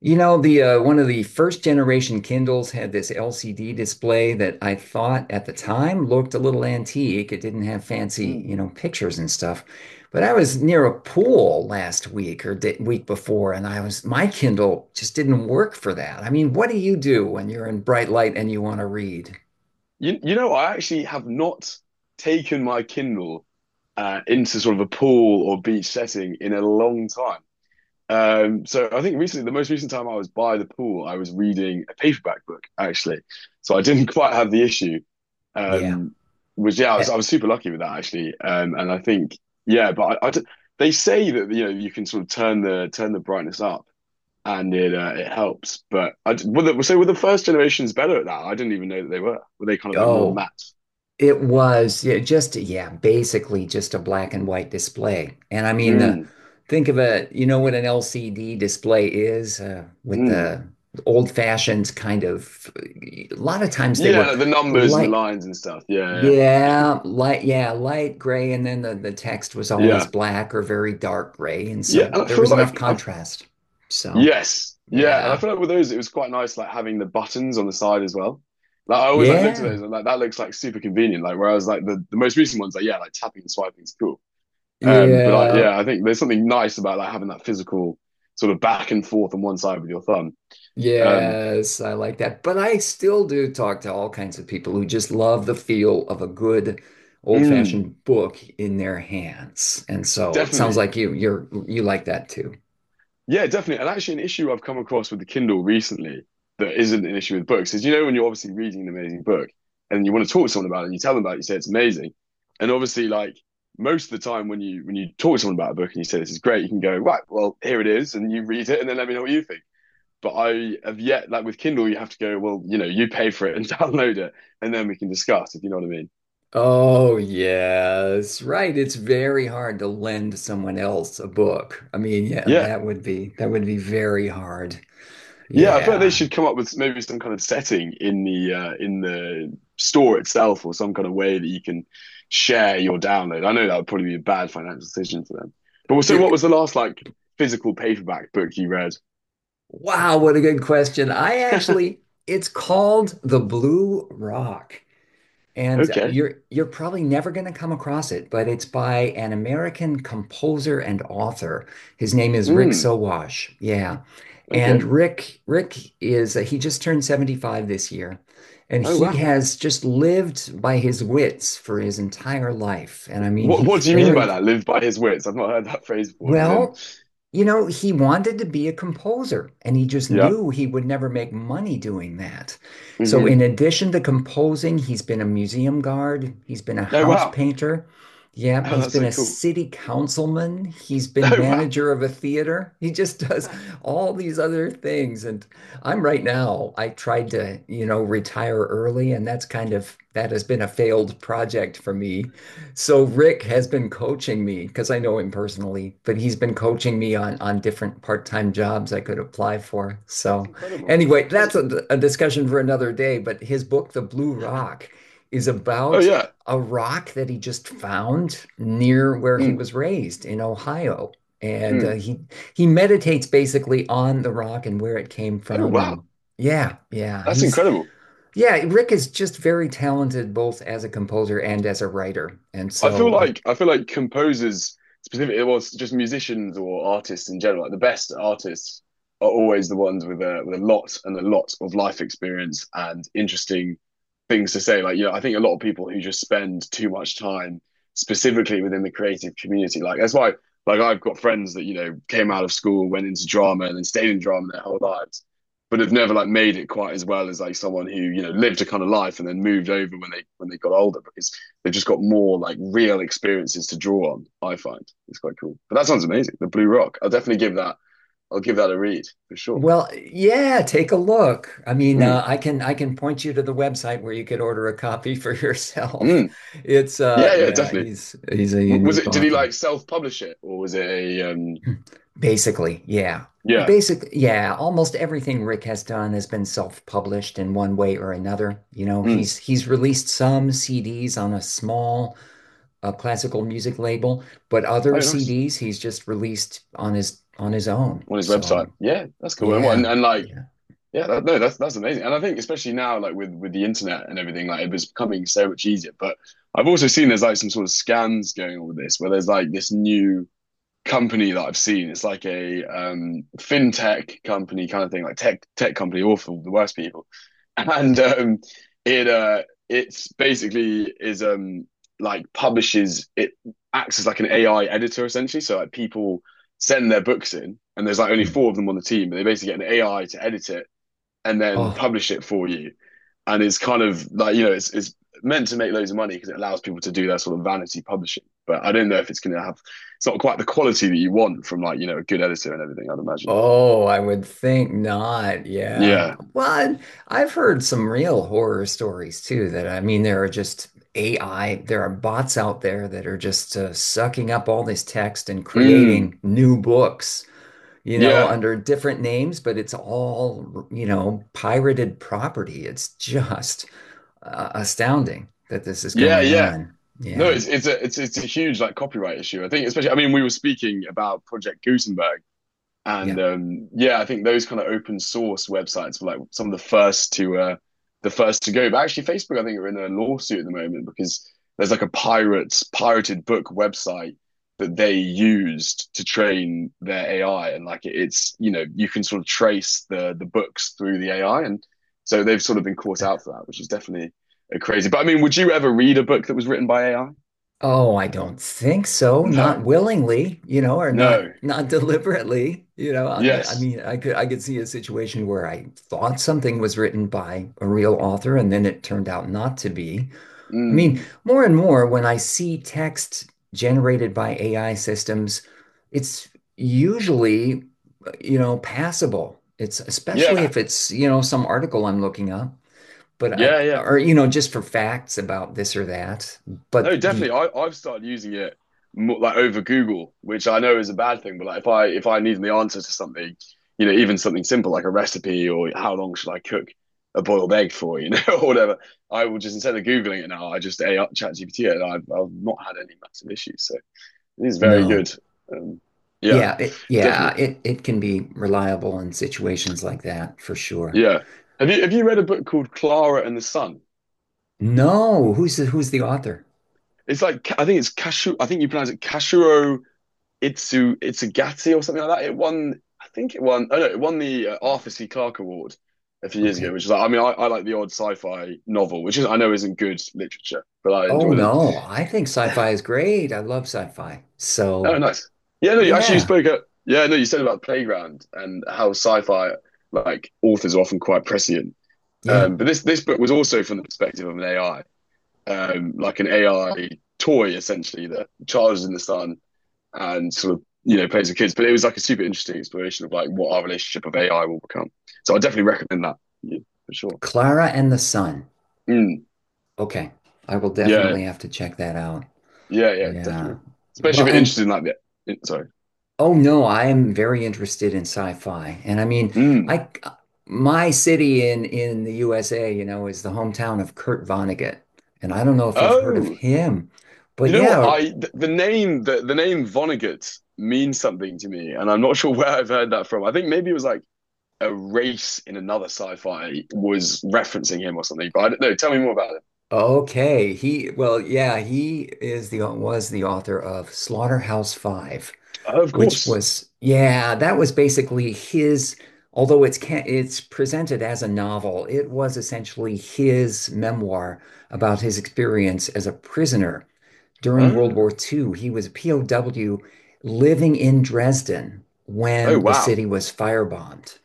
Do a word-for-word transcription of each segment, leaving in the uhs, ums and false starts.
You know, the uh, One of the first generation Kindles had this L C D display that I thought at the time looked a little antique. It didn't have fancy, Mm. you know, pictures and stuff. But I was near a pool last week or the week before, and I was my Kindle just didn't work for that. I mean, what do you do when you're in bright light and you want to read? You you know, I actually have not taken my Kindle uh, into sort of a pool or beach setting in a long time. Um, so I think recently, the most recent time I was by the pool, I was reading a paperback book actually. So I didn't quite have the issue. Yeah. Um, was yeah, I was Eh. I was super lucky with that actually. Um, and I think yeah, but I, I d- they say that you know you can sort of turn the turn the brightness up. And it uh, it helps. But I. were the, so were the first generations better at that? I didn't even know that they were. Were they kind of like more Oh. math? It was yeah, just yeah, basically just a black and white display. And I mean the Mm, think of a, you know, what an L C D display is, uh, with mm. the old fashioned kind of. A lot of times they Yeah, were like the numbers and the light, lines and stuff. Yeah, yeah, light yeah, light gray, and then the, the text was yeah, always yeah, black or very dark gray, and yeah. so And I there feel was enough like I've, contrast. So, yes, yeah. And I yeah. feel like with those, it was quite nice, like having the buttons on the side as well. Like I always like looked at Yeah. those and like that looks like super convenient. Like whereas like the, the most recent ones, like yeah, like tapping and swiping is cool. Um, but I Yeah. yeah, I think there's something nice about like having that physical sort of back and forth on one side with your thumb. Um, Yes, I like that. But I still do talk to all kinds of people who just love the feel of a good mm. old-fashioned book in their hands. And so it sounds Definitely. like you you're you like that too. Yeah, definitely. And actually, an issue I've come across with the Kindle recently that isn't an issue with books is you know, when you're obviously reading an amazing book and you want to talk to someone about it and you tell them about it, you say it's amazing. And obviously, like most of the time when you when you talk to someone about a book and you say this is great, you can go, right, well, here it is, and you read it and then let me know what you think. But I have yet, like with Kindle, you have to go, well, you know, you pay for it and download it, and then we can discuss, if you know what I mean. Oh, yes, right. It's very hard to lend someone else a book. I mean, yeah, Yeah. that would be that would be very hard. Yeah, I feel like they Yeah. should come up with maybe some kind of setting in the uh, in the store itself, or some kind of way that you can share your download. I know that would probably be a bad financial decision for them. But so, what It- was the last like physical paperback book you read? wow, what a good question. I actually, it's called The Blue Rock. And Okay. you're you're probably never going to come across it, but it's by an American composer and author. His name is Rick Mm, Sowash. Yeah. And okay. Rick Rick is, uh, he just turned seventy-five this year, and Oh he wow. has just lived by his wits for his entire life. And I mean, What he's what do you mean by very. that? Live by his wits. I've not heard that phrase before. As in, Well, you know, he wanted to be a composer and he just yeah. knew he would never make money doing that. So, Hmm. in addition to composing, he's been a museum guard, he's been a Oh house wow. painter. Yeah, Oh, he's that's been so a cool. city councilman, he's been Oh wow. manager of a theater. He just does That's all these other things. And I'm right now, I tried to, you know, retire early, and that's kind of that has been a failed project for me. So Rick has been coaching me because I know him personally, but he's been coaching me on on different part-time jobs I could apply for. So incredible. anyway, That's, that's a, a discussion for another day, but his book, The Blue Rock, is oh about yeah. a rock that he just found near where he Mm, was raised in Ohio. And uh, mm. he he meditates basically on the rock and where it came Oh from. And wow. yeah, yeah, That's he's incredible. yeah, Rick is just very talented both as a composer and as a writer. And I feel so, like I feel like composers specifically, well, s- just musicians or artists in general, like the best artists are always the ones with a with a lot and a lot of life experience and interesting things to say. Like, you know, I think a lot of people who just spend too much time specifically within the creative community, like that's why, like I've got friends that, you know, came out of school, went into drama and then stayed in drama their whole lives, but have never like made it quite as well as like someone who, you know, lived a kind of life and then moved over when they when they got older because they've just got more like real experiences to draw on. I find it's quite cool. But that sounds amazing. The Blue Rock. I'll definitely give that. I'll give that a read for sure. well, yeah, take a look. I mean, Mm, uh, I can, I can point you to the website where you could order a copy for yourself. mm. It's Yeah, uh yeah, yeah, definitely. he's he's a W- was unique it? Did he author. like self-publish it, or was it a? Um, Basically, yeah. yeah. Basically, yeah, almost everything Rick has done has been self-published in one way or another. You know, Mm. he's he's released some C Ds on a small, a classical music label, but Oh, other nice C Ds he's just released on his, on his own. on his So website. Yeah, that's cool. And what? And, yeah, and like, yeah. yeah, that, no, that's that's amazing. And I think especially now, like with with the internet and everything, like it was becoming so much easier. But I've also seen there's like some sort of scams going on with this, where there's like this new company that I've seen. It's like a um, fintech company kind of thing, like tech tech company, awful, the worst people. And um, it uh, it's basically is um, like publishes it acts as like an A I editor essentially. So like people send their books in, and there's like only Mm. four of them on the team, but they basically get an A I to edit it and then Oh, publish it for you. And it's kind of like you know it's it's meant to make loads of money because it allows people to do their sort of vanity publishing. But I don't know if it's going to have it's not quite the quality that you want from like you know a good editor and everything. I'd imagine. oh, I would think not. Yeah. Yeah. Well, I've heard some real horror stories too. That I mean, there are just A I, there are bots out there that are just, uh, sucking up all this text and Mm. creating new books. You know, Yeah. under different names, but it's all, you know, pirated property. It's just, uh, astounding that this is Yeah. going Yeah. on. No, Yeah. it's it's a it's it's a huge like copyright issue. I think especially. I mean, we were speaking about Project Gutenberg. And Yeah. um, yeah, I think those kind of open source websites were like some of the first to uh, the first to go. But actually, Facebook, I think, are in a lawsuit at the moment because there's like a pirate pirated book website that they used to train their A I, and like it's you know you can sort of trace the the books through the A I, and so they've sort of been caught out for that, which is definitely uh, crazy. But I mean, would you ever read a book that was written by A I? Oh, I don't think so. No, Not willingly, you know, or not no, not deliberately, you know. on the, I yes, mean, I could, I could see a situation where I thought something was written by a real author and then it turned out not to be. I mean, mm, more and more when I see text generated by A I systems, it's usually, you know, passable. It's Especially yeah, if it's, you know, some article I'm looking up. but I, yeah, yeah. Or, you know, just for facts about this or that. But No, the definitely. I, I've started using it more, like over Google, which I know is a bad thing, but like if I if I need the answer to something, you know, even something simple like a recipe or how long should I cook a boiled egg for, you know, or whatever, I will just instead of Googling it now, I just A I ChatGPT it and I've I've not had any massive issues. So it is very No, good. Um, yeah, yeah, it, yeah, definitely. it it can be reliable in situations like that for sure. Yeah. Have you have you read a book called Clara and the Sun? No, who's the, who's the author? It's like I think it's Kashu I think you pronounce it Kashuro Itsu Itsugati or something like that. It won, I think it won. oh no, it won the uh, Arthur C. Clarke Award a few years ago, Okay. which is like, I mean, I, I like the odd sci-fi novel, which is I know isn't good literature, but I Oh enjoy them. no, I think sci-fi is great. I love sci-fi. So Oh, nice. Yeah, no, you, actually, you yeah, spoke at yeah, no, you said about Playground and how sci-fi like authors are often quite prescient. yeah, Um, but this this book was also from the perspective of an A I, um, like an A I toy essentially that charges in the sun and sort of you know plays with kids. But it was like a super interesting exploration of like what our relationship of A I will become. So I definitely recommend that yeah, for sure. Clara and the Sun. Mm, Okay, I will yeah, definitely have to check that out. yeah, yeah, Yeah. definitely. Especially Well, if you're and interested in like the in- sorry. Oh no, I am very interested in sci-fi. And I mean, Mm. I my city in in the U S A, you know, is the hometown of Kurt Vonnegut. And I don't know if you've heard of Oh, him. But you know what? yeah, I th- the name the, the name Vonnegut means something to me, and I'm not sure where I've heard that from. I think maybe it was like a race in another sci-fi was referencing him or something. But I don't know. Tell me more about it. okay. He, well, yeah, he is the, was the author of Slaughterhouse Five, Oh, of which course. was, yeah, that was basically his, although it's can it's presented as a novel. It was essentially his memoir about his experience as a prisoner during World War Ah. two. He was a P O W living in Dresden Oh when the wow. city was firebombed.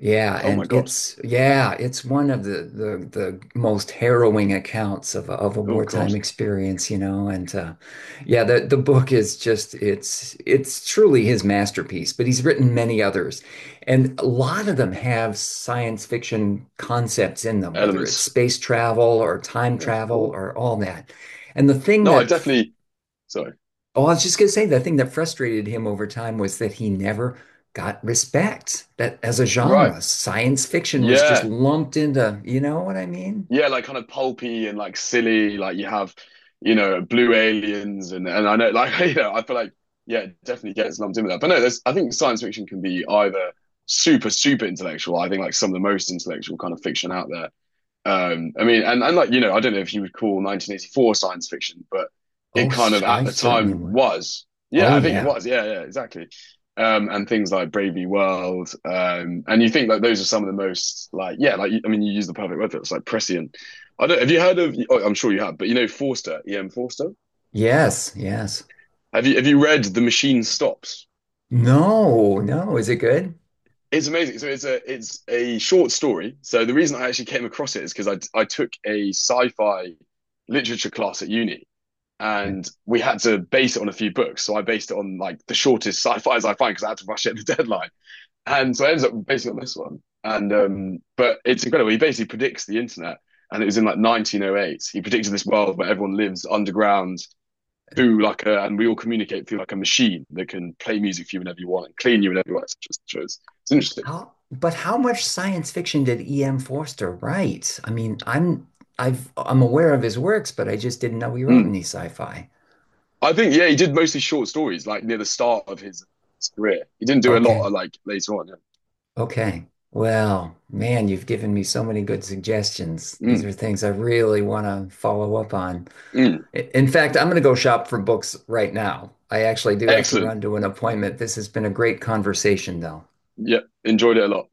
Yeah, Oh and my God. it's, yeah, it's one of the the, the most harrowing accounts of a, of a Oh God. wartime experience, you know. And uh, yeah, the the book is just, it's it's truly his masterpiece. But he's written many others, and a lot of them have science fiction concepts in them, whether it's Elements. space travel or time Oh, travel cool. or all that. And the thing No, I that definitely. Sorry. Oh, I was just gonna say, the thing that frustrated him over time was that he never got respect that as a Right. genre. Science fiction was just Yeah. lumped into, you know what I mean? Yeah. Like kind of pulpy and like silly. Like you have, you know, Blue Aliens and and I know like you know I feel like yeah it definitely gets lumped in with that. But no, there's I think science fiction can be either super super intellectual. I think like some of the most intellectual kind of fiction out there. Um, I mean, and, and like, you know, I don't know if you would call nineteen eighty-four science fiction, but it Oh, kind s- of at I the certainly time would. was. Yeah, Oh I think it yeah. was. Yeah, yeah, exactly. Um, and things like Brave New World. Um, and you think like those are some of the most like, yeah, like, I mean, you use the perfect word for it. It's like prescient. I don't, have you heard of, oh, I'm sure you have, but you know, Forster, E M. Forster. Yes, yes. Have you, have you read The Machine Stops? No, no. Is it good? It's amazing. So it's a it's a short story. So the reason I actually came across it is because I I took a sci-fi literature class at uni, Okay. and we had to base it on a few books. So I based it on like the shortest sci-fis I find because I had to rush it at the deadline. Okay. And so I ended up basing it on this one. And um, but it's incredible. He basically predicts the internet, and it was in like nineteen oh eight. He predicted this world where everyone lives underground through like a, and we all communicate through like a machine that can play music for you whenever you want and clean you whenever you want, et cetera et cetera. It's, it's interesting. How, but how much science fiction did E M. Forster write? I mean, I'm I've I'm aware of his works, but I just didn't know he wrote Mm. any sci-fi. I think yeah, he did mostly short stories like near the start of his, his career. He didn't do a lot Okay. of like later on. Yeah. Okay. Well, man, you've given me so many good suggestions. These are Mm, things I really want to follow up on. mm. I- In fact, I'm going to go shop for books right now. I actually do have to Excellent. run to an appointment. This has been a great conversation, though. Yeah, enjoyed it a lot.